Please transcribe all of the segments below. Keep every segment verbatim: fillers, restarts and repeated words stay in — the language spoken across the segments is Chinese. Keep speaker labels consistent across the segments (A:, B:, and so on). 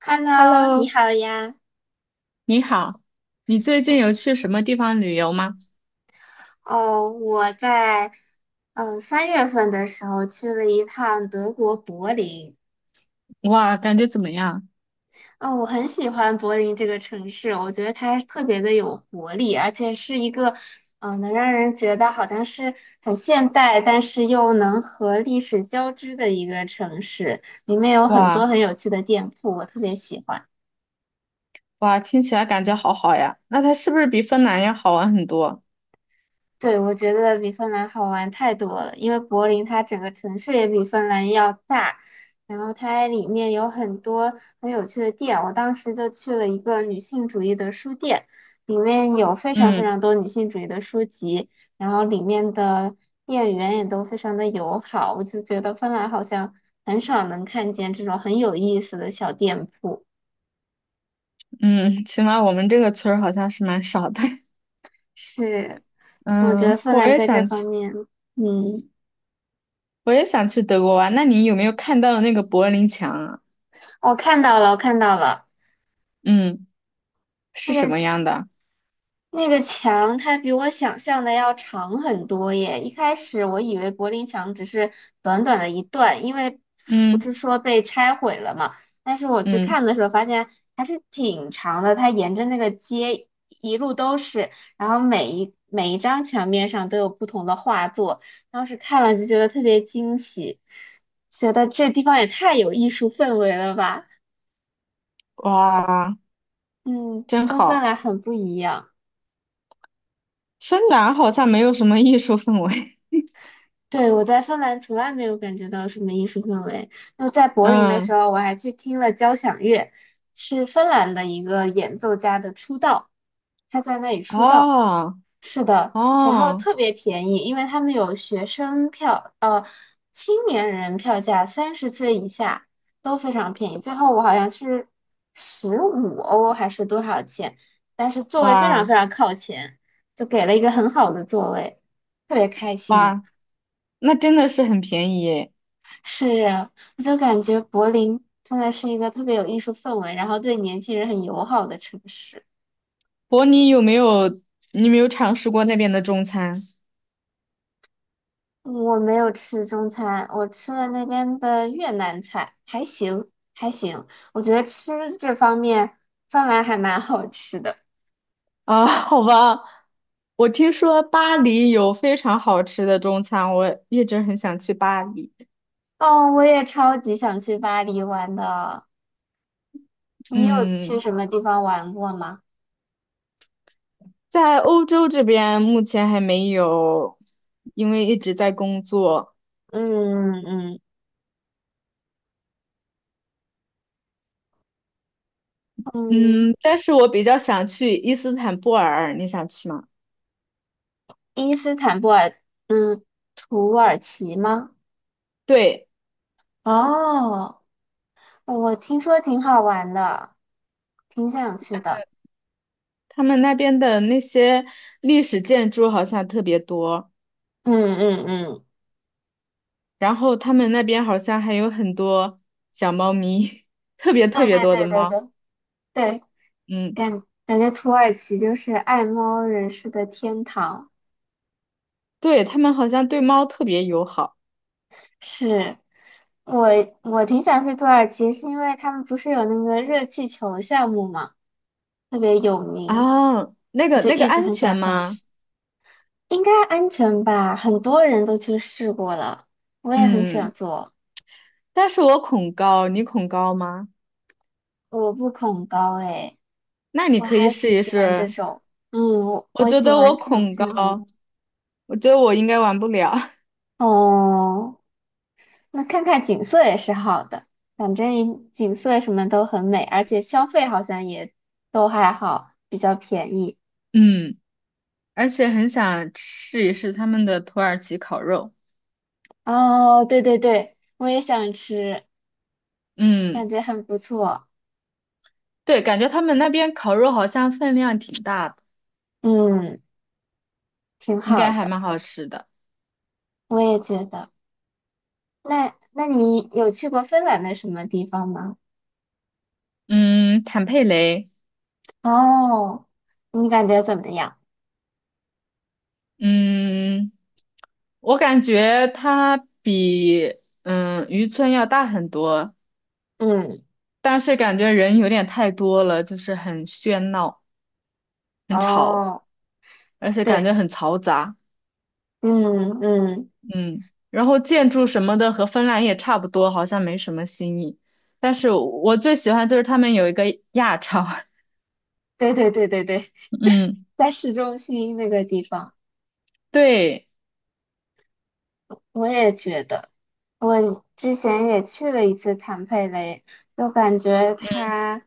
A: Hello，
B: Hello，
A: 你好呀。
B: 你好，你最近有去什么地方旅游吗？
A: 哦，我在嗯三月份的时候去了一趟德国柏林。
B: 哇，感觉怎么样？
A: 嗯，我很喜欢柏林这个城市，我觉得它特别的有活力，而且是一个嗯能让人觉得好像是很现代，但是又能和历史交织的一个城市。里面有很多
B: 哇
A: 很有趣的店铺，我特别喜欢。
B: 哇，听起来感觉好好呀。那它是不是比芬兰要好玩很多？
A: 对，我觉得比芬兰好玩太多了，因为柏林它整个城市也比芬兰要大，然后它里面有很多很有趣的店。我当时就去了一个女性主义的书店，里面有非常非
B: 嗯
A: 常多女性主义的书籍，然后里面的店员也都非常的友好，我就觉得芬兰好像很少能看见这种很有意思的小店铺。
B: 嗯，起码我们这个村儿好像是蛮少的。
A: 是，我觉得
B: 嗯，
A: 芬
B: 我
A: 兰
B: 也
A: 在这
B: 想
A: 方
B: 去，
A: 面，嗯，
B: 我也想去德国玩。那你有没有看到那个柏林墙啊？
A: 我看到了，我看到了。
B: 嗯，是
A: 那个
B: 什么样的？
A: 那个墙它比我想象的要长很多耶！一开始我以为柏林墙只是短短的一段，因为不是
B: 嗯
A: 说被拆毁了嘛。但是我去
B: 嗯，
A: 看的时候发现还是挺长的，它沿着那个街一路都是，然后每一每一张墙面上都有不同的画作，当时看了就觉得特别惊喜，觉得这地方也太有艺术氛围了吧！
B: 哇，
A: 嗯，
B: 真
A: 跟芬
B: 好。
A: 兰很不一样。
B: 芬兰好像没有什么艺术氛围。
A: 对，我在芬兰从来没有感觉到什么艺术氛围。就在 柏林的时
B: 嗯，
A: 候，我还去听了交响乐，是芬兰的一个演奏家的出道，他在那里出道。
B: 哦
A: 是的，然后
B: 哦。
A: 特别便宜，因为他们有学生票，呃，青年人票价三十岁以下都非常便宜。最后我好像是十五欧还是多少钱，但是座位非常
B: 哇
A: 非常靠前，就给了一个很好的座位，特别开心。
B: 哇，那真的是很便宜耶！
A: 是啊，我就感觉柏林真的是一个特别有艺术氛围，然后对年轻人很友好的城市。
B: 伯尼有没有你有没有尝试过那边的中餐
A: 我没有吃中餐，我吃了那边的越南菜，还行还行。我觉得吃这方面芬兰还蛮好吃的。
B: 啊？好吧，我听说巴黎有非常好吃的中餐，我一直很想去巴黎。
A: 哦，我也超级想去巴黎玩的。你有去
B: 嗯，
A: 什么地方玩过吗？
B: 在欧洲这边目前还没有，因为一直在工作。
A: 嗯嗯嗯，
B: 嗯，但是我比较想去伊斯坦布尔，你想去吗？
A: 伊斯坦布尔，嗯，土耳其吗？
B: 对，
A: 哦。哦我听说挺好玩的，挺想去的。
B: 他们那边的那些历史建筑好像特别多。
A: 嗯嗯嗯，
B: 然后他们那边好像还有很多小猫咪，特别特
A: 对
B: 别
A: 对
B: 多的
A: 对对
B: 猫。
A: 对对，
B: 嗯，
A: 感感觉土耳其就是爱猫人士的天堂。
B: 对，他们好像对猫特别友好
A: 是，我我挺想去土耳其，是因为他们不是有那个热气球项目嘛，特别有
B: 啊。
A: 名，
B: 那
A: 我
B: 个
A: 就
B: 那个
A: 一直
B: 安
A: 很
B: 全
A: 想尝
B: 吗？
A: 试。应该安全吧？很多人都去试过了，我也很想
B: 嗯，
A: 做，
B: 但是我恐高，你恐高吗？
A: 我不恐高诶。
B: 那你
A: 我
B: 可以
A: 还
B: 试
A: 挺
B: 一
A: 喜欢这
B: 试。
A: 种，嗯，我
B: 我
A: 我
B: 觉
A: 喜
B: 得我
A: 欢这种
B: 恐高，
A: 项目。
B: 我觉得我应该玩不了。
A: 哦，那看看景色也是好的，反正景色什么都很美，而且消费好像也都还好，比较便宜。
B: 嗯，而且很想试一试他们的土耳其烤肉。
A: 哦，对对对，我也想吃，感
B: 嗯，
A: 觉很不错，
B: 对，感觉他们那边烤肉好像分量挺大的，
A: 嗯，挺
B: 应
A: 好
B: 该还
A: 的，
B: 蛮好吃的。
A: 我也觉得。那那你有去过芬兰的什么地方吗？
B: 嗯，坦佩雷，
A: 哦，你感觉怎么样？
B: 嗯，我感觉他比嗯渔村要大很多，
A: 嗯，
B: 但是感觉人有点太多了，就是很喧闹、很吵，
A: 哦，
B: 而且感
A: 对。
B: 觉很嘈杂。
A: 嗯嗯，
B: 嗯，然后建筑什么的和芬兰也差不多，好像没什么新意。但是我最喜欢就是他们有一个亚超，
A: 对对对对对，
B: 嗯，
A: 在市中心那个地方，
B: 对，
A: 我也觉得，我之前也去了一次坦佩雷，就感觉它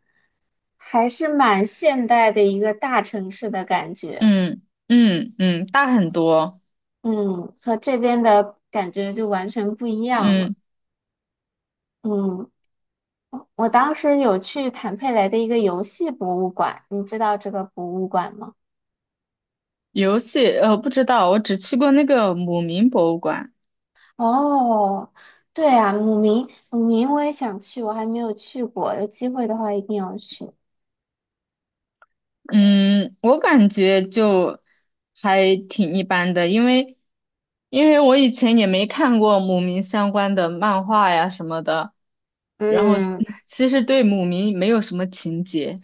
A: 还是蛮现代的一个大城市的感觉，
B: 嗯嗯嗯，大很多，
A: 嗯，和这边的感觉就完全不一样了，
B: 嗯。
A: 嗯，我当时有去坦佩雷的一个游戏博物馆，你知道这个博物馆吗？
B: 游戏，呃，不知道，我只去过那个姆明博物馆。
A: 哦，对啊，姆明，姆明我也想去，我还没有去过，有机会的话一定要去。
B: 嗯，我感觉就还挺一般的，因为因为我以前也没看过姆明相关的漫画呀什么的，然后
A: 嗯，
B: 其实对姆明没有什么情节。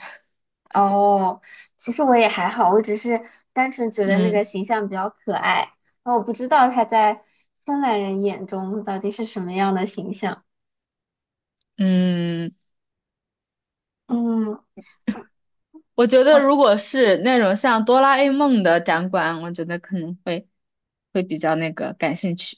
A: 哦，其实我也还好，我只是单纯觉得那个
B: 嗯
A: 形象比较可爱，然后我不知道他在芬兰人眼中到底是什么样的形象。
B: 嗯，
A: 嗯，
B: 我觉得
A: 我
B: 如果是那种像哆啦 A 梦的展馆，我觉得可能会会比较那个感兴趣。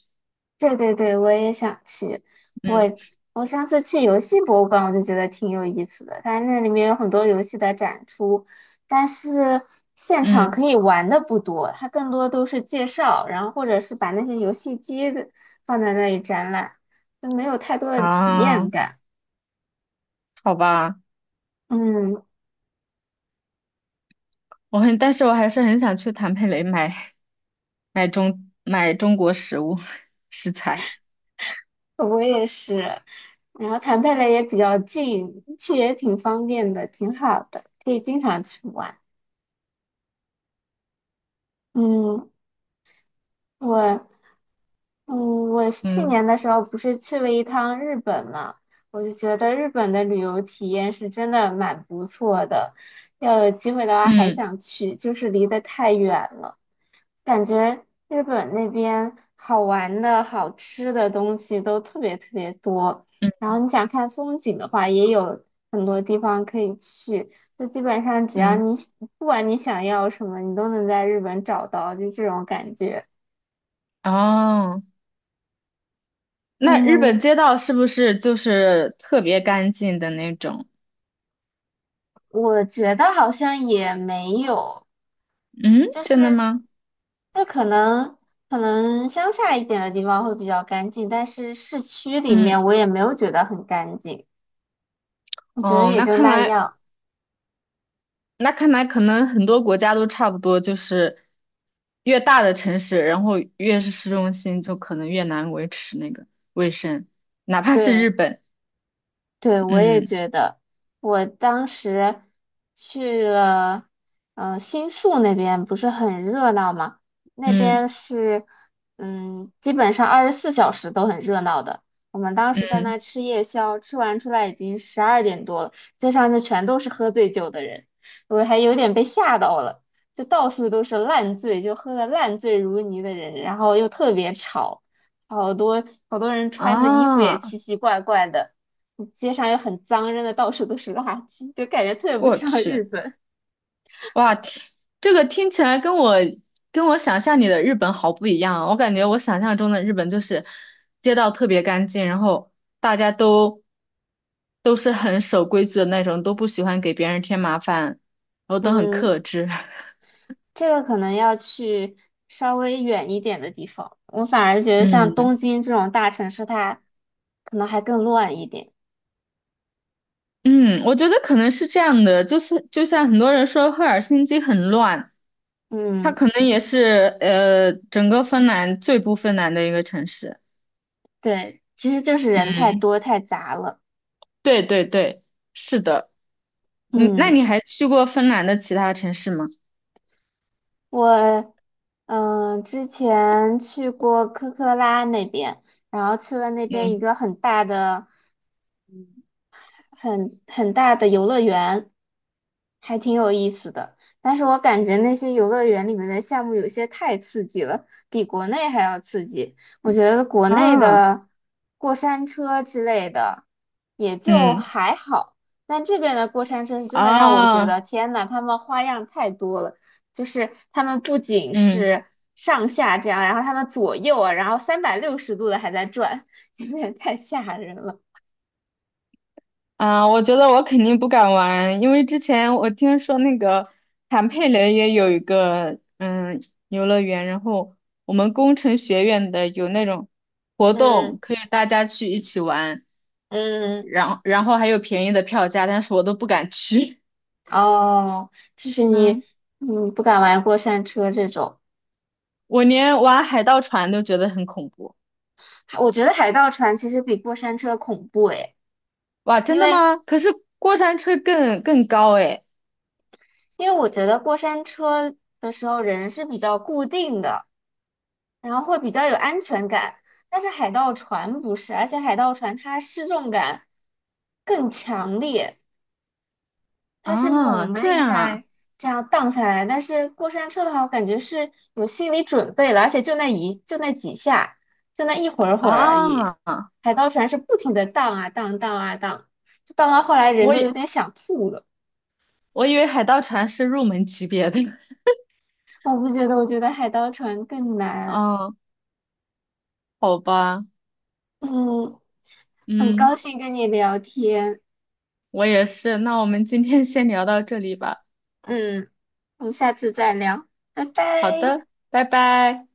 A: 对对对，我也想去。我
B: 嗯
A: 我上次去游戏博物馆，我就觉得挺有意思的。它那里面有很多游戏的展出，但是现场
B: 嗯
A: 可以玩的不多，它更多都是介绍，然后或者是把那些游戏机的放在那里展览，就没有太多的体验
B: 啊，
A: 感。
B: 好吧。
A: 嗯，
B: 我很，但是我还是很想去坦佩雷买买中买中国食物 食材。
A: 我也是。然后谈贝勒也比较近，去也挺方便的，挺好的，可以经常去玩。嗯，我嗯，我去
B: 嗯
A: 年的时候不是去了一趟日本嘛，我就觉得日本的旅游体验是真的蛮不错的，要有机会的话还
B: 嗯
A: 想去，就是离得太远了，感觉日本那边好玩的好吃的东西都特别特别多，
B: 嗯
A: 然后你想看风景的话，也有很多地方可以去，就基本上只要
B: 嗯，
A: 你不管你想要什么，你都能在日本找到，就这种感觉。
B: 哦，那日
A: 嗯，
B: 本街道是不是就是特别干净的那种？
A: 我觉得好像也没有，
B: 嗯，
A: 就
B: 真的
A: 是
B: 吗？
A: 就可能可能乡下一点的地方会比较干净，但是市区里
B: 嗯，
A: 面我也没有觉得很干净，我觉得
B: 哦，
A: 也
B: 那
A: 就
B: 看
A: 那
B: 来
A: 样。
B: 那看来可能很多国家都差不多，就是越大的城市，然后越是市中心，就可能越难维持那个卫生，哪怕是
A: 对。
B: 日本。
A: 对，我也
B: 嗯
A: 觉得，我当时去了，呃，新宿那边不是很热闹吗？那边
B: 嗯
A: 是，嗯，基本上二十四小时都很热闹的。我们当时在
B: 嗯，
A: 那吃夜宵，吃完出来已经十二点多了，街上就全都是喝醉酒的人，我还有点被吓到了，就到处都是烂醉，就喝的烂醉如泥的人，然后又特别吵，好多好多人穿的衣服也
B: 啊。
A: 奇奇怪怪的。街上又很脏，扔的到处都是垃圾，就感觉特别不
B: 我
A: 像 日
B: 去，
A: 本。
B: 哇，听这个听起来跟我跟我想象里的日本好不一样啊！我感觉我想象中的日本就是街道特别干净，然后大家都都是很守规矩的那种，都不喜欢给别人添麻烦，然后都很
A: 嗯，
B: 克制。
A: 这个可能要去稍微远一点的地方。我反而觉得像东
B: 嗯
A: 京这种大城市，它可能还更乱一点。
B: 嗯，我觉得可能是这样的，就是就像很多人说赫尔辛基很乱，它
A: 嗯，
B: 可能也是呃整个芬兰最不芬兰的一个城市。
A: 对，其实就是人
B: 嗯，
A: 太多太杂了。
B: 对对对，是的。嗯，那你
A: 嗯，
B: 还去过芬兰的其他城市吗？
A: 我嗯之前去过科科拉那边，然后去了那边一
B: 嗯
A: 个很大的、很很大的游乐园。还挺有意思的。但是我感觉那些游乐园里面的项目有些太刺激了，比国内还要刺激。我觉得国内
B: 啊，
A: 的过山车之类的也就
B: 嗯
A: 还好，但这边的过山车是真的让我觉
B: 啊，
A: 得天呐，他们花样太多了。就是他们不仅
B: 嗯
A: 是上下这样，然后他们左右啊，然后三百六十度的还在转，有点太吓人了。
B: 啊，我觉得我肯定不敢玩，因为之前我听说那个坦佩雷也有一个嗯游乐园，然后我们工程学院的有那种活
A: 嗯
B: 动，可以大家去一起玩，
A: 嗯。
B: 然后然后还有便宜的票价，但是我都不敢去，
A: 哦，就是 你，
B: 嗯，
A: 嗯，不敢玩过山车这种。
B: 我连玩海盗船都觉得很恐怖。
A: 还我觉得海盗船其实比过山车恐怖诶，
B: 哇，真
A: 因
B: 的
A: 为
B: 吗？可是过山车更更高诶。
A: 因为我觉得过山车的时候人是比较固定的，然后会比较有安全感，但是海盗船不是，而且海盗船它失重感更强烈。它是
B: 啊，
A: 猛的
B: 这
A: 一下
B: 样
A: 这样荡下来，但是过山车的话，我感觉是有心理准备了，而且就那一就那几下，就那一会儿会儿而已。
B: 啊，啊，
A: 海盗船是不停的荡啊荡荡啊荡，就荡到后来人
B: 我
A: 都有
B: 以
A: 点想吐了。
B: 我以为海盗船是入门级别的，
A: 我不觉得，我觉得海盗船更 难。
B: 啊，好吧，
A: 嗯，很高
B: 嗯，
A: 兴跟你聊天。
B: 我也是，那我们今天先聊到这里吧，
A: 嗯，我们下次再聊，拜
B: 好
A: 拜。
B: 的，拜拜。